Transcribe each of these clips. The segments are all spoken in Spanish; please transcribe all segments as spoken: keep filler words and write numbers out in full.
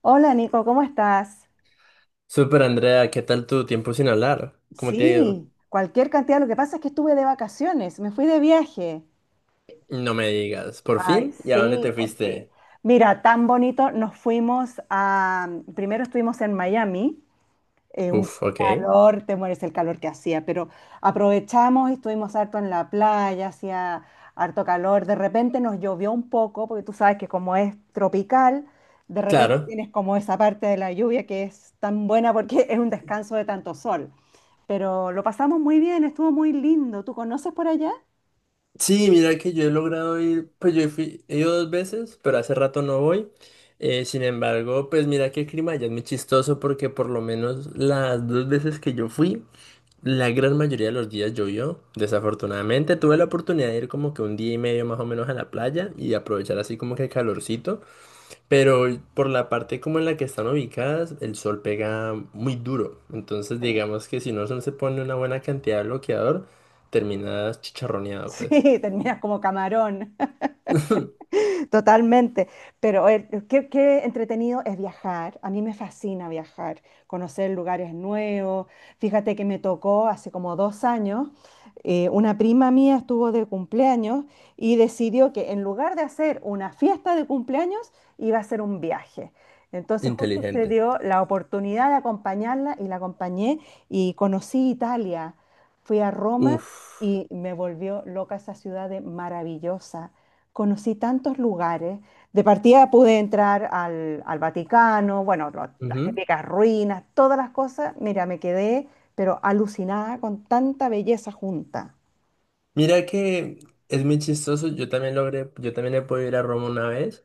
Hola Nico, ¿cómo estás? Super Andrea, ¿qué tal tu tiempo sin hablar? ¿Cómo te ha ido? Sí, cualquier cantidad. Lo que pasa es que estuve de vacaciones, me fui de viaje. No me digas, ¿por Ay, fin? ¿Y a dónde sí, te por fin. fuiste? Mira, tan bonito. Nos fuimos a, primero estuvimos en Miami eh, un Uf, ok. calor, te mueres el calor que hacía, pero aprovechamos y estuvimos harto en la playa, hacía harto calor, de repente nos llovió un poco, porque tú sabes que como es tropical, de repente Claro. tienes como esa parte de la lluvia que es tan buena porque es un descanso de tanto sol, pero lo pasamos muy bien, estuvo muy lindo. ¿Tú conoces por allá? Sí, mira que yo he logrado ir, pues yo fui, he ido dos veces, pero hace rato no voy. Eh, sin embargo, pues mira que el clima ya es muy chistoso porque por lo menos las dos veces que yo fui, la gran mayoría de los días llovió. Desafortunadamente tuve la oportunidad de ir como que un día y medio más o menos a la playa y aprovechar así como que el calorcito. Pero por la parte como en la que están ubicadas, el sol pega muy duro. Entonces, Sí. digamos que si no se pone una buena cantidad de bloqueador, terminas chicharroneado, pues. Sí, terminas como camarón. Totalmente, pero eh, qué, qué entretenido es viajar. A mí me fascina viajar, conocer lugares nuevos. Fíjate que me tocó hace como dos años, eh, una prima mía estuvo de cumpleaños y decidió que en lugar de hacer una fiesta de cumpleaños, iba a hacer un viaje. Entonces justo se Inteligente. dio la oportunidad de acompañarla y la acompañé y conocí Italia. Fui a Roma Uf. y me volvió loca esa ciudad de maravillosa, conocí tantos lugares. De partida pude entrar al, al Vaticano, bueno, lo- las Ujú. típicas ruinas, todas las cosas. Mira, me quedé, pero alucinada con tanta belleza junta. Mira que es muy chistoso. Yo también logré, yo también he podido ir a Roma una vez.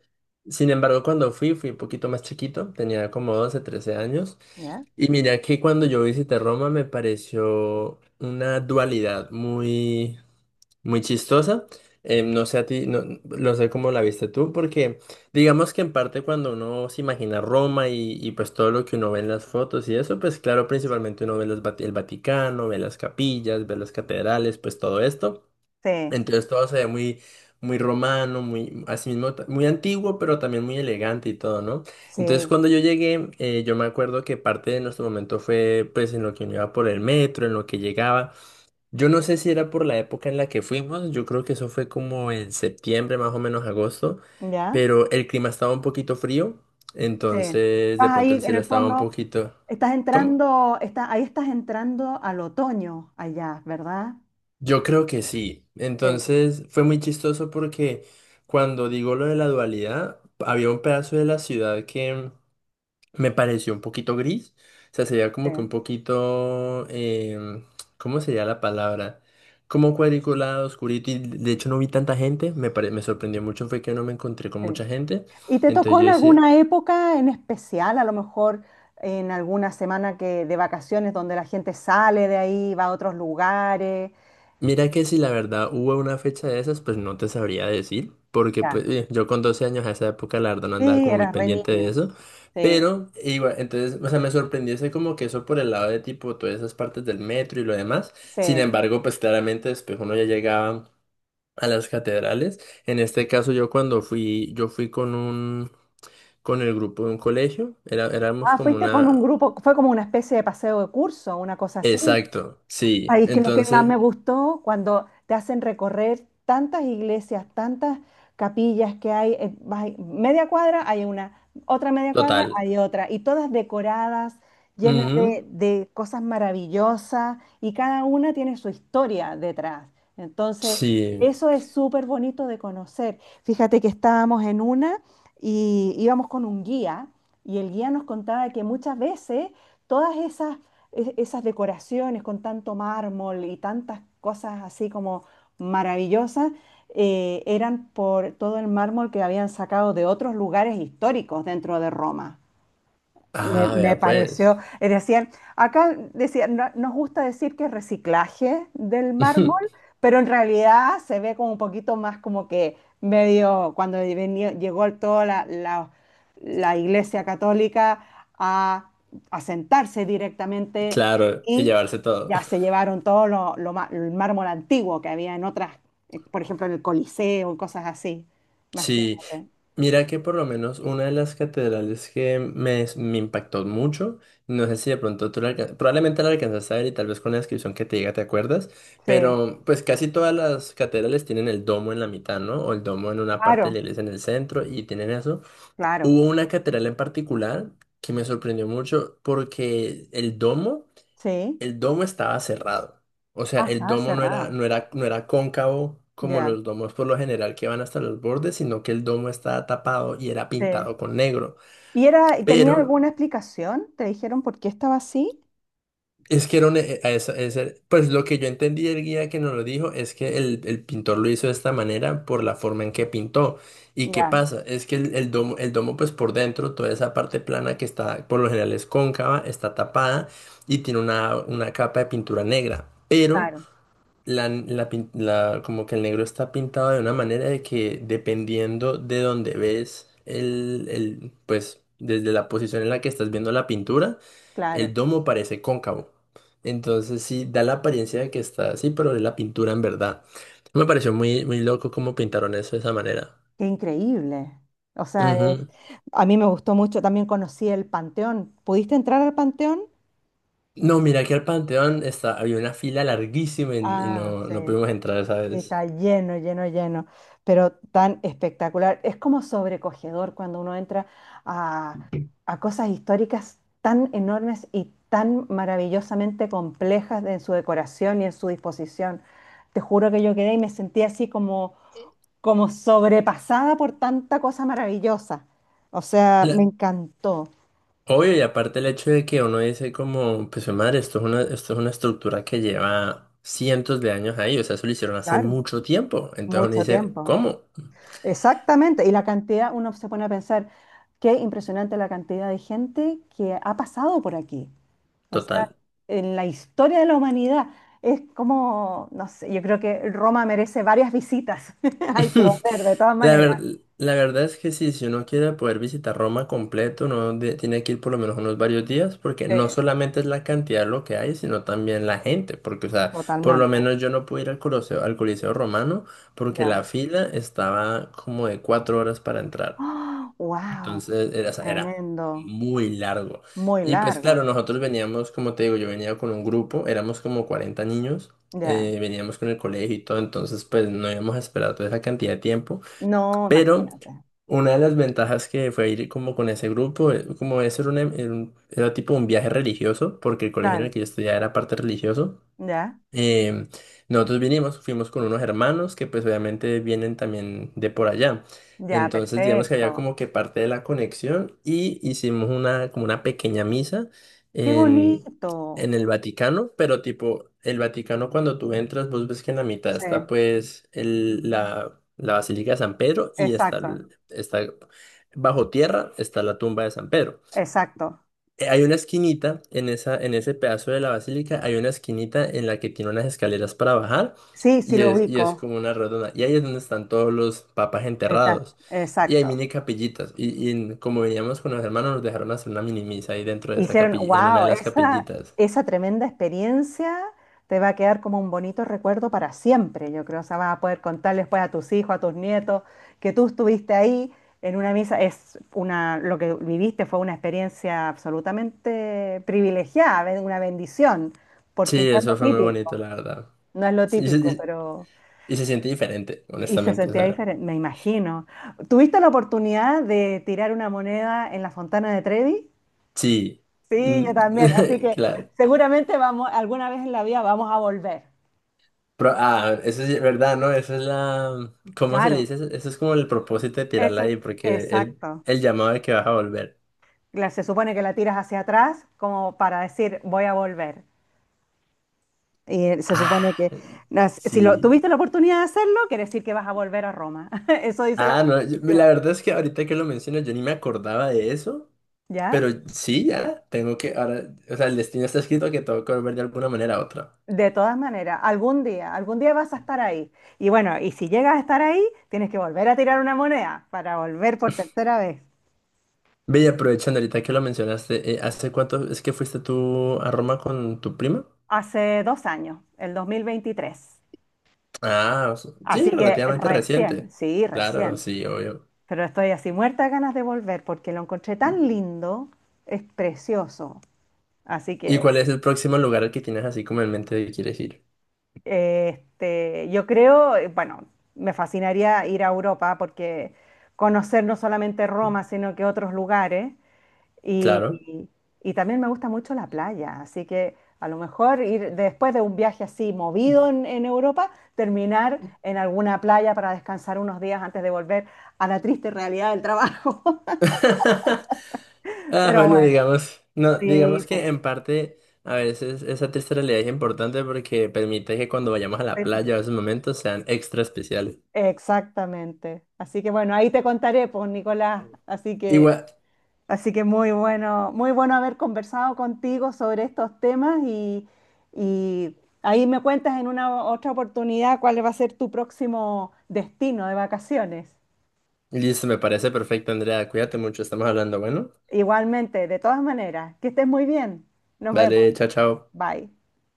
Sin embargo, cuando fui, fui un poquito más chiquito. Tenía como doce trece años. ¿Ya? Y mira que cuando yo visité Roma me pareció una dualidad muy muy chistosa. Eh, no sé a ti, no, no sé cómo la viste tú, porque digamos que en parte cuando uno se imagina Roma y, y pues todo lo que uno ve en las fotos y eso, pues claro, principalmente uno ve los Vati- el Vaticano, ve las capillas, ve las catedrales, pues todo esto. Sí, Entonces todo se ve muy, muy romano, muy, así mismo, ta- muy antiguo, pero también muy elegante y todo, ¿no? Entonces sí, cuando yo llegué, eh, yo me acuerdo que parte de nuestro momento fue pues en lo que uno iba por el metro, en lo que llegaba. Yo no sé si era por la época en la que fuimos, yo creo que eso fue como en septiembre, más o menos agosto, ¿ya? pero el clima estaba un poquito frío, Sí. Estás entonces de ahí pronto el en cielo el estaba un fondo, poquito... estás ¿Cómo? entrando, está, ahí estás entrando al otoño allá, ¿verdad? Yo creo que sí. Sí, Entonces fue muy chistoso porque cuando digo lo de la dualidad, había un pedazo de la ciudad que me pareció un poquito gris. O sea, sería sí, como que un poquito, em, ¿cómo sería la palabra? Como cuadriculado, oscurito, y de hecho no vi tanta gente. Me, pare- me sorprendió mucho fue que no me encontré con sí. mucha gente. ¿Y te tocó Entonces yo en entonces, decía, alguna época en especial, a lo mejor en alguna semana que, de vacaciones donde la gente sale de ahí, va a otros lugares? mira que si la verdad hubo una fecha de esas, pues no te sabría decir, porque pues, Ya. eh, yo con doce años a esa época la verdad no andaba Sí, como muy eras re pendiente de niño. eso. Sí, Pero igual, entonces, o sea, me sorprendió ese como que eso por el lado de tipo todas esas partes del metro y lo demás. Sin sí. embargo, pues claramente después uno ya llegaba a las catedrales. En este caso yo cuando fui, yo fui con un, con el grupo de un colegio, era, éramos Ah, como fuiste con una... un, claro, grupo, fue como una especie de paseo de curso, una cosa así. Exacto, sí. Ahí es que lo que más me Entonces, gustó cuando te hacen recorrer tantas iglesias, tantas capillas que hay, eh, vas ahí, media cuadra hay una, otra media cuadra total. hay otra, y todas decoradas, llenas Ujú. de, de cosas maravillosas, y cada una tiene su historia detrás. Entonces, Sí. eso es súper bonito de conocer. Fíjate que estábamos en una y íbamos con un guía, y el guía nos contaba que muchas veces todas esas es- esas decoraciones con tanto mármol y tantas cosas así como maravillosas, eh, eran por todo el mármol que habían sacado de otros lugares históricos dentro de Roma. Me, Ah, me vea pues. pareció, eh, decían, acá decían, no- nos gusta decir que es reciclaje del mármol, pero en realidad se ve como un poquito más como que medio, cuando venía- llegó toda la, la- la Iglesia Católica a, a sentarse directamente Claro, y y llevarse todo. ya se llevaron todo lo, lo ma- el mármol antiguo que había en otras, eh, por ejemplo, en el Coliseo y cosas así, Sí, imagínate. mira que por lo menos una de las catedrales que me, me impactó mucho, no sé si de pronto tú la alca- probablemente la alcanzaste a ver y tal vez con la descripción que te diga te acuerdas, Sí, pero pues casi todas las catedrales tienen el domo en la mitad, ¿no? O el domo en una parte de claro, la iglesia en el centro y tienen eso. claro, Hubo una catedral en particular que me sorprendió mucho porque el domo... sí. El domo estaba cerrado. O sea, Ah, el estaba domo no era, cerrado. no era, no era cóncavo como Ya. los domos por lo general que van hasta los bordes, sino que el domo estaba tapado y era Sí. pintado con negro. ¿Y era, y tenía Pero alguna explicación? ¿Te dijeron por qué estaba así? es que era un- eh, eh, esa- ese- pues lo que yo entendí del guía que nos lo dijo es que el, el pintor lo hizo de esta manera por la forma en que pintó. ¿Y qué Ya, pasa? Es que el, el domo, el domo, pues por dentro, toda esa parte plana que está, por lo general es cóncava, está tapada y tiene una, una capa de pintura negra. Pero claro, La, la pin- la- como que el negro está pintado de una manera de que dependiendo de donde ves el, el, pues desde la posición en la que estás viendo la pintura, claro. el domo parece cóncavo. Entonces sí, da la apariencia de que está así, pero es la pintura en verdad. Me pareció muy, muy loco cómo pintaron eso de esa manera. Qué increíble. O sea, es- Ujú. a mí me gustó mucho, también conocí el Panteón. ¿Pudiste entrar al Panteón? No, mira que al Panteón está, había una fila larguísima y, y Ah, no, sí. no pudimos entrar esa vez. Está lleno, lleno, lleno, pero tan espectacular. Es como sobrecogedor cuando uno entra a, a cosas históricas tan enormes y tan maravillosamente complejas en su decoración y en su disposición. Te juro que yo quedé y me sentí así como, como sobrepasada por tanta cosa maravillosa. O sea, me encantó. Obvio, y aparte el hecho de que uno dice como, pues "Jue madre, esto es una, esto es una estructura que lleva cientos de años ahí, o sea, eso lo hicieron hace Claro, mucho tiempo. Entonces uno mucho dice, tiempo. ¿cómo? Exactamente, y la cantidad, uno se pone a pensar, qué impresionante la cantidad de gente que ha pasado por aquí. O sea, Total. en la historia de la humanidad es como, no sé, yo creo que Roma merece varias visitas. Hay que volver, de todas La ver- maneras. La verdad es que sí, si uno quiere poder visitar Roma completo, uno de- tiene que ir por lo menos unos varios días, porque Sí, no solamente es la cantidad de lo que hay, sino también la gente, porque, o sea, por lo totalmente. menos yo no pude ir al Coliseo, al Coliseo Romano, porque Ya. la fila estaba como de cuatro horas para entrar. Wow, Entonces era, o sea, era tremendo. muy largo. Muy Y pues claro, largo. nosotros veníamos, como te digo, yo venía con un grupo, éramos como cuarenta niños, Ya. eh, veníamos con el colegio y todo, entonces pues no íbamos a esperar toda esa cantidad de tiempo. No, Pero imagínate. una de las ventajas que fue ir como con ese grupo, eh, como eso era, un em- era un- era tipo un viaje religioso, porque el colegio en el Claro. que yo estudiaba era parte religioso. Ya. Em, Nosotros vinimos, fuimos con unos hermanos que pues obviamente vienen también de por allá. Ya, Entonces digamos que había perfecto. como que parte de la conexión y hicimos una como una pequeña misa Qué en, bonito. en el Vaticano, pero tipo el Vaticano cuando tú entras vos ves que en la mitad Sí, está pues el, la, la Basílica de San Pedro y está, exacto. el- está bajo tierra está la tumba de San Pedro. Exacto. eh, Hay una esquinita en esa, en ese pedazo de la basílica, hay una esquinita en la que tiene unas escaleras para bajar Sí, sí y lo es, y es ubico. como una redonda. Y ahí es donde están todos los papas Está, enterrados. Y hay exacto. mini capillitas. Y, y como veníamos con los hermanos, nos dejaron hacer una mini misa ahí dentro de esa Hicieron, capilla, en una de wow, las esa, capillitas. esa tremenda experiencia te va a quedar como un bonito recuerdo para siempre, yo creo. O sea, vas a poder contar después a tus hijos, a tus nietos, que tú estuviste ahí en una misa. Es una, lo que viviste fue una experiencia absolutamente privilegiada, be- una bendición, porque Sí, no es lo eso fue muy bonito, típico, la verdad. no es lo Sí, Y se, típico, y- pero... y se siente diferente, Y se honestamente. O sentía sea, diferente, me imagino. ¿Tuviste la oportunidad de tirar una moneda en la Fontana de Trevi? sí. Sí, yo también. Así Mm, que claro. seguramente vamos, alguna vez en la vida vamos a volver. Pro- ah, eso es verdad, ¿no? Eso es la... ¿Cómo se le dice? Claro, Eso Eso es como el propósito de tirarla eso, ahí, porque es exacto. el llamado de que vas a volver. La- se supone que la tiras hacia atrás como para decir voy a volver. Y eh, se supone Ah, que nas- si lo, sí. tuviste la oportunidad de hacerlo, quiere decir que vas a volver a Roma. Eso dice la Ah, no, yo- superstición. la verdad es que ahorita que lo mencionas, yo ni me acordaba de eso, ¿Ya? pero sí, ya, tengo que, ahora, o sea, el destino está escrito que tengo que volver de alguna manera a otra. De todas maneras, algún día, algún día vas a estar ahí. Y bueno, y si llegas a estar ahí, tienes que volver a tirar una moneda para volver por tercera vez. Ve, y aprovechando ahorita que lo mencionaste, eh, ¿hace cuánto es que fuiste tú a Roma con tu prima? Hace dos años, el dos mil veintitrés. Ah, o sea, sí, Así que relativamente recién, reciente. sí, Claro, recién. sí, obvio. Pero estoy así muerta de ganas de volver porque lo encontré tan lindo, es precioso. Así ¿Y que cuál es el próximo lugar al que tienes así como en mente de que quieres ir? eh, este, yo creo, eh, bueno, me fascinaría ir a Europa porque conocer no solamente Roma, sino que otros lugares. Claro. Y, y también me gusta mucho la playa, así que a lo mejor ir después de un viaje así movido en, en Europa, terminar en alguna playa para descansar unos días antes de volver a la triste realidad del trabajo. Ah, Pero bueno, bueno, digamos, no, sí, digamos pues, que en parte a veces esa triste realidad es importante porque permite que cuando vayamos a la e- playa o esos momentos sean extra especiales. exactamente. Así que bueno, ahí te contaré, pues, Nicolás. Así que, Igual, así que muy bueno, muy bueno haber conversado contigo sobre estos temas y, y ahí me cuentas en una otra oportunidad cuál va a ser tu próximo destino de vacaciones. listo, me parece perfecto, Andrea. Cuídate mucho, estamos hablando, bueno. Igualmente, de todas maneras, que estés muy bien. Nos vemos. Vale, chao, chao. Bye.